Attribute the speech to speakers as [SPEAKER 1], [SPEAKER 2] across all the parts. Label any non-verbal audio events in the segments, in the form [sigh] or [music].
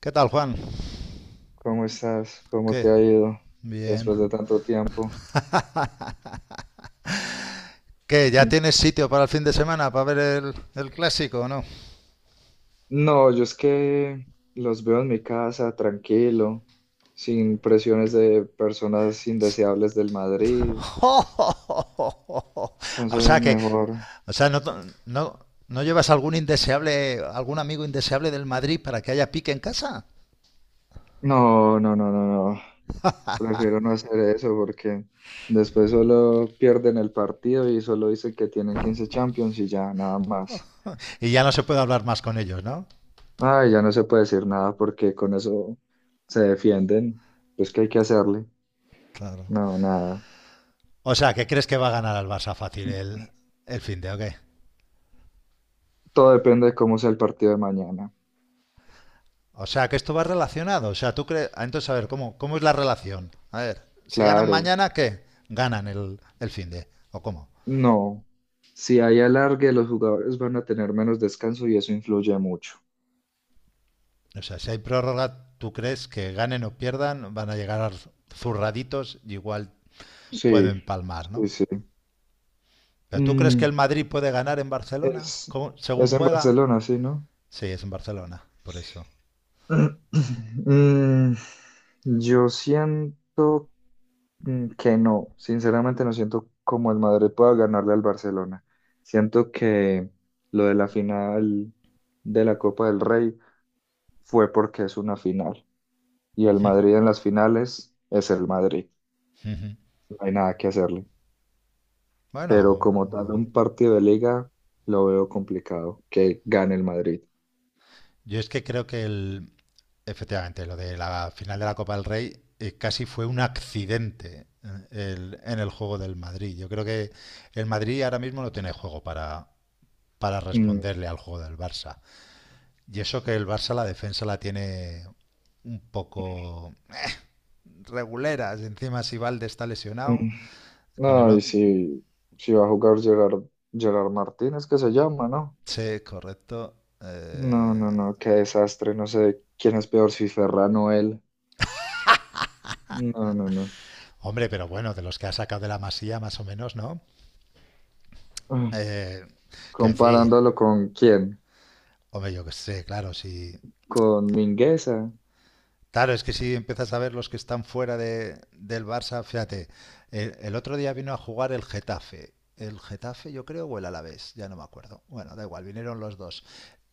[SPEAKER 1] ¿Qué tal, Juan?
[SPEAKER 2] ¿Cómo estás? ¿Cómo
[SPEAKER 1] ¿Qué?
[SPEAKER 2] te ha ido
[SPEAKER 1] Bien.
[SPEAKER 2] después de tanto tiempo?
[SPEAKER 1] ¿Qué? ¿Ya
[SPEAKER 2] Mm.
[SPEAKER 1] tienes sitio para el fin de semana para ver el clásico o no?
[SPEAKER 2] No, yo es que los veo en mi casa tranquilo, sin presiones de personas indeseables del
[SPEAKER 1] [laughs]
[SPEAKER 2] Madrid.
[SPEAKER 1] O
[SPEAKER 2] Entonces,
[SPEAKER 1] sea que,
[SPEAKER 2] mejor.
[SPEAKER 1] o sea, no, no, No llevas algún indeseable, algún amigo indeseable del Madrid para que haya pique en casa.
[SPEAKER 2] No, no, no, no, no. Prefiero no hacer eso porque después solo pierden el partido y solo dicen que tienen 15 Champions y ya, nada más.
[SPEAKER 1] Y ya no se puede hablar más con ellos, ¿no?
[SPEAKER 2] Ay, ya no se puede decir nada porque con eso se defienden. Pues, ¿qué hay que hacerle?
[SPEAKER 1] Claro.
[SPEAKER 2] No, nada.
[SPEAKER 1] O sea, ¿qué crees que va a ganar el Barça fácil el fin de, ¿ok?
[SPEAKER 2] Todo depende de cómo sea el partido de mañana.
[SPEAKER 1] O sea, que esto va relacionado. O sea, tú crees. Entonces, a ver, ¿cómo, cómo es la relación? A ver, si ganan
[SPEAKER 2] Claro,
[SPEAKER 1] mañana, ¿qué? Ganan el fin de. ¿O cómo?
[SPEAKER 2] no. Si hay alargue, los jugadores van a tener menos descanso y eso influye mucho.
[SPEAKER 1] O sea, si hay prórroga, ¿tú crees que ganen o pierdan? Van a llegar zurraditos y igual pueden
[SPEAKER 2] Sí,
[SPEAKER 1] palmar, ¿no?
[SPEAKER 2] sí, sí.
[SPEAKER 1] Pero ¿tú crees que el
[SPEAKER 2] Mm,
[SPEAKER 1] Madrid puede ganar en Barcelona?
[SPEAKER 2] es,
[SPEAKER 1] ¿Cómo- según
[SPEAKER 2] es en
[SPEAKER 1] juega.
[SPEAKER 2] Barcelona, sí, ¿no? [clears throat]
[SPEAKER 1] Sí, es en Barcelona, por eso.
[SPEAKER 2] Mm, yo siento que no. Sinceramente no siento como el Madrid pueda ganarle al Barcelona. Siento que lo de la final de la Copa del Rey fue porque es una final y el Madrid en las finales es el Madrid. No hay nada que hacerle. Pero
[SPEAKER 1] Bueno,
[SPEAKER 2] como tal,
[SPEAKER 1] bueno.
[SPEAKER 2] un partido de liga lo veo complicado que gane el Madrid.
[SPEAKER 1] yo es que creo que el, Efectivamente, lo de la final de la Copa del Rey casi fue un accidente en el juego del Madrid. Yo creo que el Madrid ahora mismo no tiene juego para
[SPEAKER 2] Mm,
[SPEAKER 1] responderle al juego del Barça. Y eso que el Barça la defensa la tiene un poco reguleras. Encima si Valde está lesionado,
[SPEAKER 2] mm.
[SPEAKER 1] con el
[SPEAKER 2] No, y
[SPEAKER 1] otro...
[SPEAKER 2] si, si va a jugar Gerard, Gerard Martínez, que se llama, ¿no?
[SPEAKER 1] Sí, correcto.
[SPEAKER 2] No, no, no, qué desastre. No sé quién es peor, si Ferran o él. No, no, no.
[SPEAKER 1] Hombre, pero bueno, de los que ha sacado de la masía más o menos, ¿no?
[SPEAKER 2] Ah,
[SPEAKER 1] Eh, que decir,
[SPEAKER 2] comparándolo con quién,
[SPEAKER 1] Hombre, yo que sé, claro, si...
[SPEAKER 2] con Mingueza.
[SPEAKER 1] Claro, es que si empiezas a ver los que están fuera del Barça, fíjate, el otro día vino a jugar el Getafe. El Getafe, yo creo, o el Alavés, ya no me acuerdo. Bueno, da igual, vinieron los dos.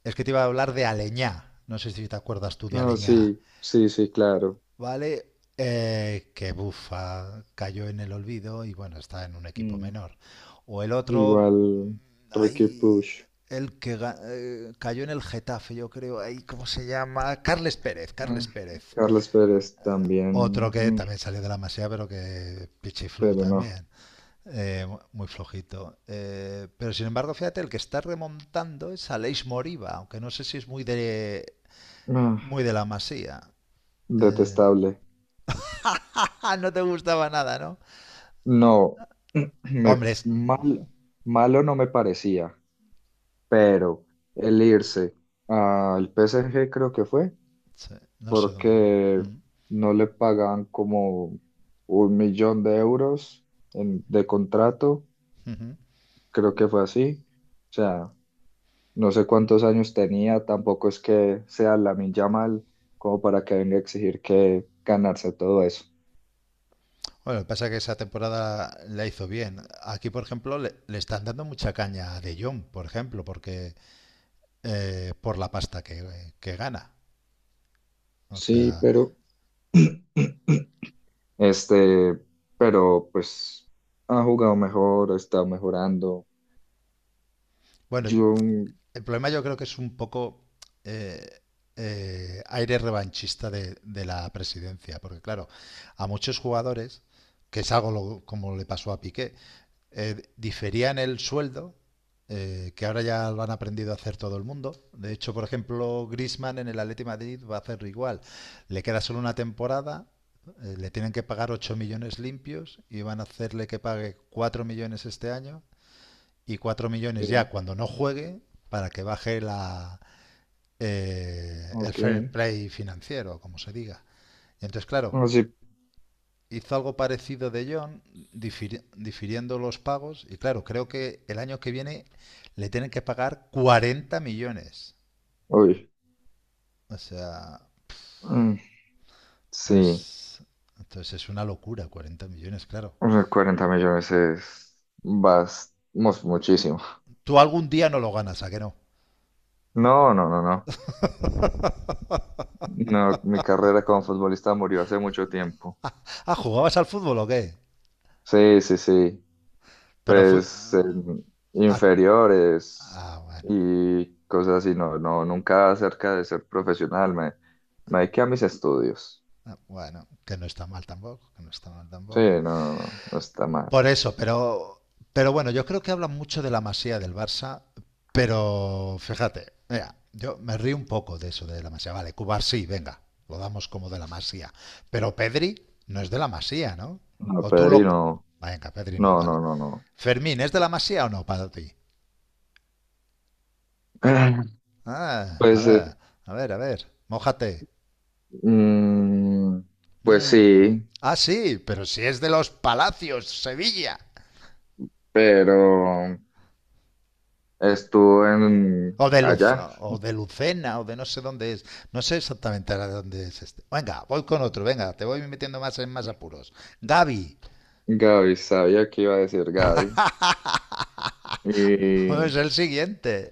[SPEAKER 1] Es que te iba a hablar de Aleñá. No sé si te acuerdas tú de
[SPEAKER 2] No,
[SPEAKER 1] Aleñá.
[SPEAKER 2] sí, sí, sí, claro.
[SPEAKER 1] ¿Vale? Que bufa, cayó en el olvido y bueno, está en un equipo
[SPEAKER 2] Mm.
[SPEAKER 1] menor. O el otro,
[SPEAKER 2] Igual Ricky
[SPEAKER 1] ahí,
[SPEAKER 2] Push.
[SPEAKER 1] el que cayó en el Getafe, yo creo, ahí, ¿cómo se llama? Carles Pérez, Carles
[SPEAKER 2] Ah,
[SPEAKER 1] Pérez.
[SPEAKER 2] Carlos Pérez
[SPEAKER 1] Otro
[SPEAKER 2] también,
[SPEAKER 1] que también salió de la masía, pero que pichiflu
[SPEAKER 2] pero no.
[SPEAKER 1] también, eh, muy flojito. Pero sin embargo, fíjate, el que está remontando es Aleix Moriba, aunque no sé si es
[SPEAKER 2] Ah,
[SPEAKER 1] muy de la masía. Eh,
[SPEAKER 2] detestable.
[SPEAKER 1] no te gustaba nada, ¿no?
[SPEAKER 2] No, [clears throat]
[SPEAKER 1] Hombre,
[SPEAKER 2] mal, malo no me parecía, pero el irse al PSG creo que fue
[SPEAKER 1] sí, no sé.
[SPEAKER 2] porque
[SPEAKER 1] Mm,
[SPEAKER 2] no le pagaban como un millón de euros de contrato,
[SPEAKER 1] mm, ujú.
[SPEAKER 2] creo que fue así. O sea, no sé cuántos años tenía, tampoco es que sea Lamine Yamal como para que venga a exigir que ganarse todo eso.
[SPEAKER 1] Bueno, pasa que esa temporada la hizo bien. Aquí, por ejemplo, le están dando mucha caña a De Jong, por ejemplo, porque por la pasta que gana. O
[SPEAKER 2] Sí,
[SPEAKER 1] sea,
[SPEAKER 2] pero [clears throat] Este, pero pues ha jugado mejor, está mejorando.
[SPEAKER 1] bueno,
[SPEAKER 2] Yo, mm,
[SPEAKER 1] el problema yo creo que es un poco eh, aire revanchista de la presidencia, porque claro, a muchos jugadores, que es algo lo- como le pasó a Piqué, diferían el sueldo, que ahora ya lo han aprendido a hacer todo el mundo. De hecho, por ejemplo, Griezmann en el Atleti de Madrid va a hacerlo igual. Le queda solo una temporada, le tienen que pagar 8 millones limpios y van a hacerle que pague 4 millones este año y 4 millones ya
[SPEAKER 2] sí,
[SPEAKER 1] cuando no juegue para que baje el
[SPEAKER 2] ok.
[SPEAKER 1] fair play financiero, como se diga. Y entonces, claro,
[SPEAKER 2] Así,
[SPEAKER 1] hizo algo parecido de John, difiriendo los pagos. Y claro, creo que el año que viene le tienen que pagar 40 millones.
[SPEAKER 2] uy,
[SPEAKER 1] O sea,
[SPEAKER 2] mm, sí,
[SPEAKER 1] entonces, entonces es una locura, 40 millones, claro.
[SPEAKER 2] o sea, 40 millones es bastante, muchísimo.
[SPEAKER 1] Tú algún día no lo ganas, ¿a qué no?
[SPEAKER 2] No, no, no, no. No, mi carrera como futbolista murió hace mucho tiempo.
[SPEAKER 1] Ah, ¿jugabas al fútbol o qué?
[SPEAKER 2] Sí, sí, sí.
[SPEAKER 1] Pero fue...
[SPEAKER 2] Pues en
[SPEAKER 1] Ah,
[SPEAKER 2] inferiores
[SPEAKER 1] bueno.
[SPEAKER 2] y cosas así, no, no, nunca acerca de ser profesional, me dediqué a mis estudios.
[SPEAKER 1] Bueno, que no está mal tampoco, que no está mal
[SPEAKER 2] Sí,
[SPEAKER 1] tampoco.
[SPEAKER 2] no, no está mal.
[SPEAKER 1] Por eso, pero bueno, yo creo que hablan mucho de la Masía del Barça, pero fíjate, mira, yo me río un poco de eso de la Masía. Vale, Cubar sí, venga, lo damos como de la Masía. Pero Pedri no es de la Masía, ¿no?
[SPEAKER 2] No,
[SPEAKER 1] O tú lo...
[SPEAKER 2] Pedrino,
[SPEAKER 1] Venga, Pedri no,
[SPEAKER 2] no,
[SPEAKER 1] vale.
[SPEAKER 2] no, no, no.
[SPEAKER 1] Fermín, ¿es de la Masía o no para ti?
[SPEAKER 2] [clears throat] [laughs]
[SPEAKER 1] A
[SPEAKER 2] Pues, eh,
[SPEAKER 1] ver, a ver, mójate.
[SPEAKER 2] mm, pues
[SPEAKER 1] Mm.
[SPEAKER 2] sí,
[SPEAKER 1] Ah, sí, pero si es de los Palacios, Sevilla.
[SPEAKER 2] pero estuve en
[SPEAKER 1] O de Luz,
[SPEAKER 2] allá.
[SPEAKER 1] o de Lucena, o de no sé dónde es. No sé exactamente ahora de dónde es este. Venga, voy con otro, venga, te voy metiendo más en más apuros. Gavi
[SPEAKER 2] Gaby, sabía que iba a decir Gaby.
[SPEAKER 1] es
[SPEAKER 2] Y
[SPEAKER 1] el [laughs] siguiente.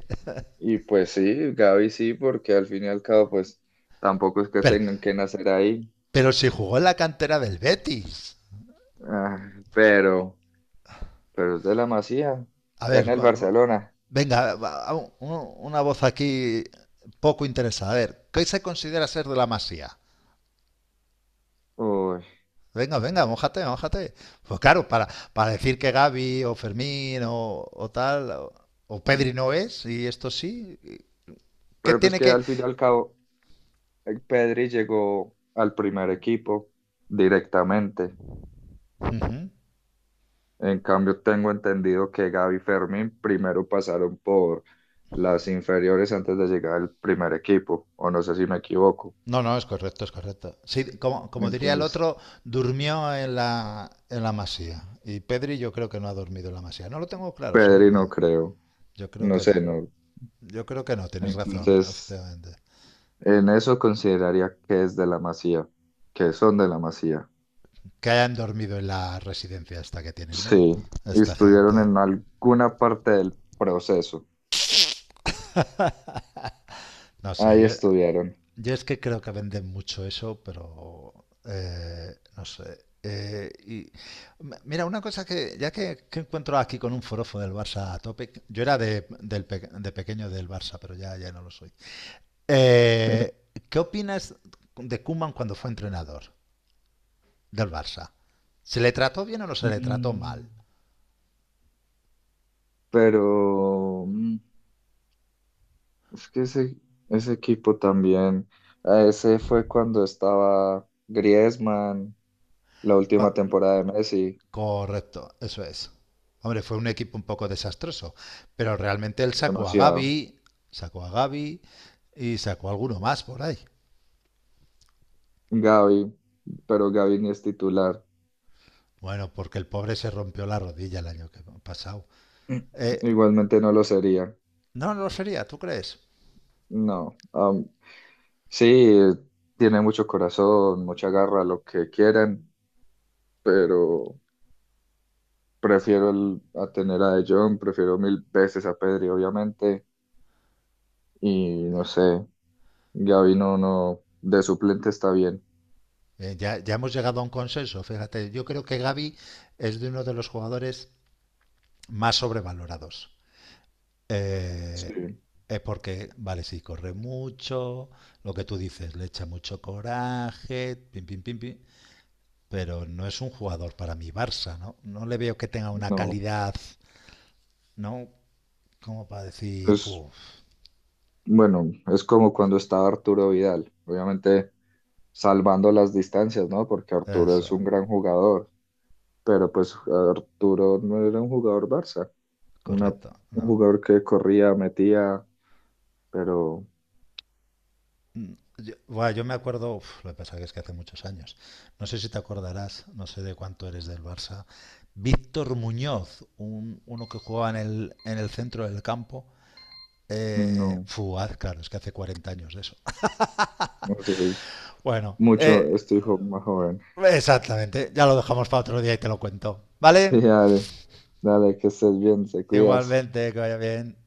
[SPEAKER 2] Y pues sí, Gaby sí, porque al fin y al cabo, pues tampoco es que
[SPEAKER 1] Pero,
[SPEAKER 2] tengan que nacer ahí.
[SPEAKER 1] pero si jugó en la cantera del Betis.
[SPEAKER 2] Ah, pero es de la Masía,
[SPEAKER 1] A
[SPEAKER 2] está en
[SPEAKER 1] ver,
[SPEAKER 2] el Barcelona.
[SPEAKER 1] venga, una voz aquí poco interesada. A ver, ¿qué se considera ser de la masía?
[SPEAKER 2] Uy,
[SPEAKER 1] Venga, venga, mójate, mójate. Pues claro, para decir que Gavi o Fermín o tal, o Pedri no es, y esto sí, ¿qué
[SPEAKER 2] pero pues
[SPEAKER 1] tiene
[SPEAKER 2] que
[SPEAKER 1] que...?
[SPEAKER 2] al fin y al cabo, Pedri llegó al primer equipo directamente.
[SPEAKER 1] Ujú.
[SPEAKER 2] En cambio, tengo entendido que Gaby y Fermín primero pasaron por las inferiores antes de llegar al primer equipo, o no sé si me equivoco.
[SPEAKER 1] No, no, es correcto, es correcto. Sí, como, como diría el
[SPEAKER 2] Entonces,
[SPEAKER 1] otro, durmió en en la masía. Y Pedri yo creo que no ha dormido en la masía. No lo tengo claro, si
[SPEAKER 2] Pedri no
[SPEAKER 1] durmió.
[SPEAKER 2] creo,
[SPEAKER 1] Yo creo
[SPEAKER 2] no
[SPEAKER 1] que
[SPEAKER 2] sé,
[SPEAKER 1] no.
[SPEAKER 2] no.
[SPEAKER 1] Yo creo que no, tienes razón, ¿no?
[SPEAKER 2] Entonces,
[SPEAKER 1] Efectivamente.
[SPEAKER 2] en eso consideraría que es de la Masía, que son de la Masía.
[SPEAKER 1] Que hayan dormido en la residencia esta que tienen,
[SPEAKER 2] Sí,
[SPEAKER 1] ¿no?
[SPEAKER 2] y
[SPEAKER 1] Esta
[SPEAKER 2] estuvieron
[SPEAKER 1] gente.
[SPEAKER 2] en alguna parte del proceso.
[SPEAKER 1] No sé,
[SPEAKER 2] Ahí
[SPEAKER 1] yo,
[SPEAKER 2] estuvieron.
[SPEAKER 1] Yo es que creo que venden mucho eso, pero no sé. Mira, una cosa que ya que encuentro aquí con un forofo del Barça a tope, yo era de pequeño del Barça, pero ya no lo soy. Eh, ¿Qué opinas de Koeman cuando fue entrenador del Barça? ¿Se le trató bien o no se le trató mal?
[SPEAKER 2] Mm. Pero es que ese, ese equipo también, a ese fue cuando estaba Griezmann, la última
[SPEAKER 1] Cu-
[SPEAKER 2] temporada de Messi,
[SPEAKER 1] Correcto, eso es. Hombre, fue un equipo un poco desastroso, pero realmente él
[SPEAKER 2] demasiado.
[SPEAKER 1] Sacó a Gavi y sacó a alguno más por ahí.
[SPEAKER 2] Gavi, pero Gavi ni es titular.
[SPEAKER 1] Bueno, porque el pobre se rompió la rodilla el año que pasado. Eh,
[SPEAKER 2] [clears throat] Igualmente no lo sería.
[SPEAKER 1] no, no lo sería, ¿tú crees?
[SPEAKER 2] No, sí, tiene mucho corazón, mucha garra, lo que quieran, pero prefiero a tener a De Jong, prefiero mil veces a Pedri, obviamente, y no sé, Gavi no, no, de suplente está bien,
[SPEAKER 1] Ya, ya hemos llegado a un consenso, fíjate. Yo creo que Gavi es de uno de los jugadores más sobrevalorados. Eh,
[SPEAKER 2] sí,
[SPEAKER 1] es porque, vale, sí, corre mucho, lo que tú dices, le echa mucho coraje, pim, pim, pim, pim, pero no es un jugador para mi Barça, ¿no? No le veo que tenga una
[SPEAKER 2] no,
[SPEAKER 1] calidad, ¿no? Como para decir,
[SPEAKER 2] es,
[SPEAKER 1] uff,
[SPEAKER 2] bueno, es como cuando estaba Arturo Vidal, obviamente salvando las distancias, ¿no? Porque Arturo es
[SPEAKER 1] eso,
[SPEAKER 2] un gran jugador, pero pues Arturo no era un jugador Barça,
[SPEAKER 1] correcto,
[SPEAKER 2] un
[SPEAKER 1] no.
[SPEAKER 2] jugador que corría, metía, pero...
[SPEAKER 1] Yo, bueno, yo me acuerdo, uf, lo que pasa que es que hace muchos años, no sé si te acordarás, no sé de cuánto eres del Barça, Víctor Muñoz, un, uno que jugaba en en el centro del campo,
[SPEAKER 2] No,
[SPEAKER 1] claro, es que hace 40 años de eso. [laughs]
[SPEAKER 2] no soy
[SPEAKER 1] Bueno,
[SPEAKER 2] mucho, estoy más joven. [laughs]
[SPEAKER 1] exactamente, ya lo dejamos para otro día y te lo cuento,
[SPEAKER 2] Sí,
[SPEAKER 1] ¿vale?
[SPEAKER 2] dale, dale, que estés bien, te cuidas.
[SPEAKER 1] Igualmente, que vaya bien.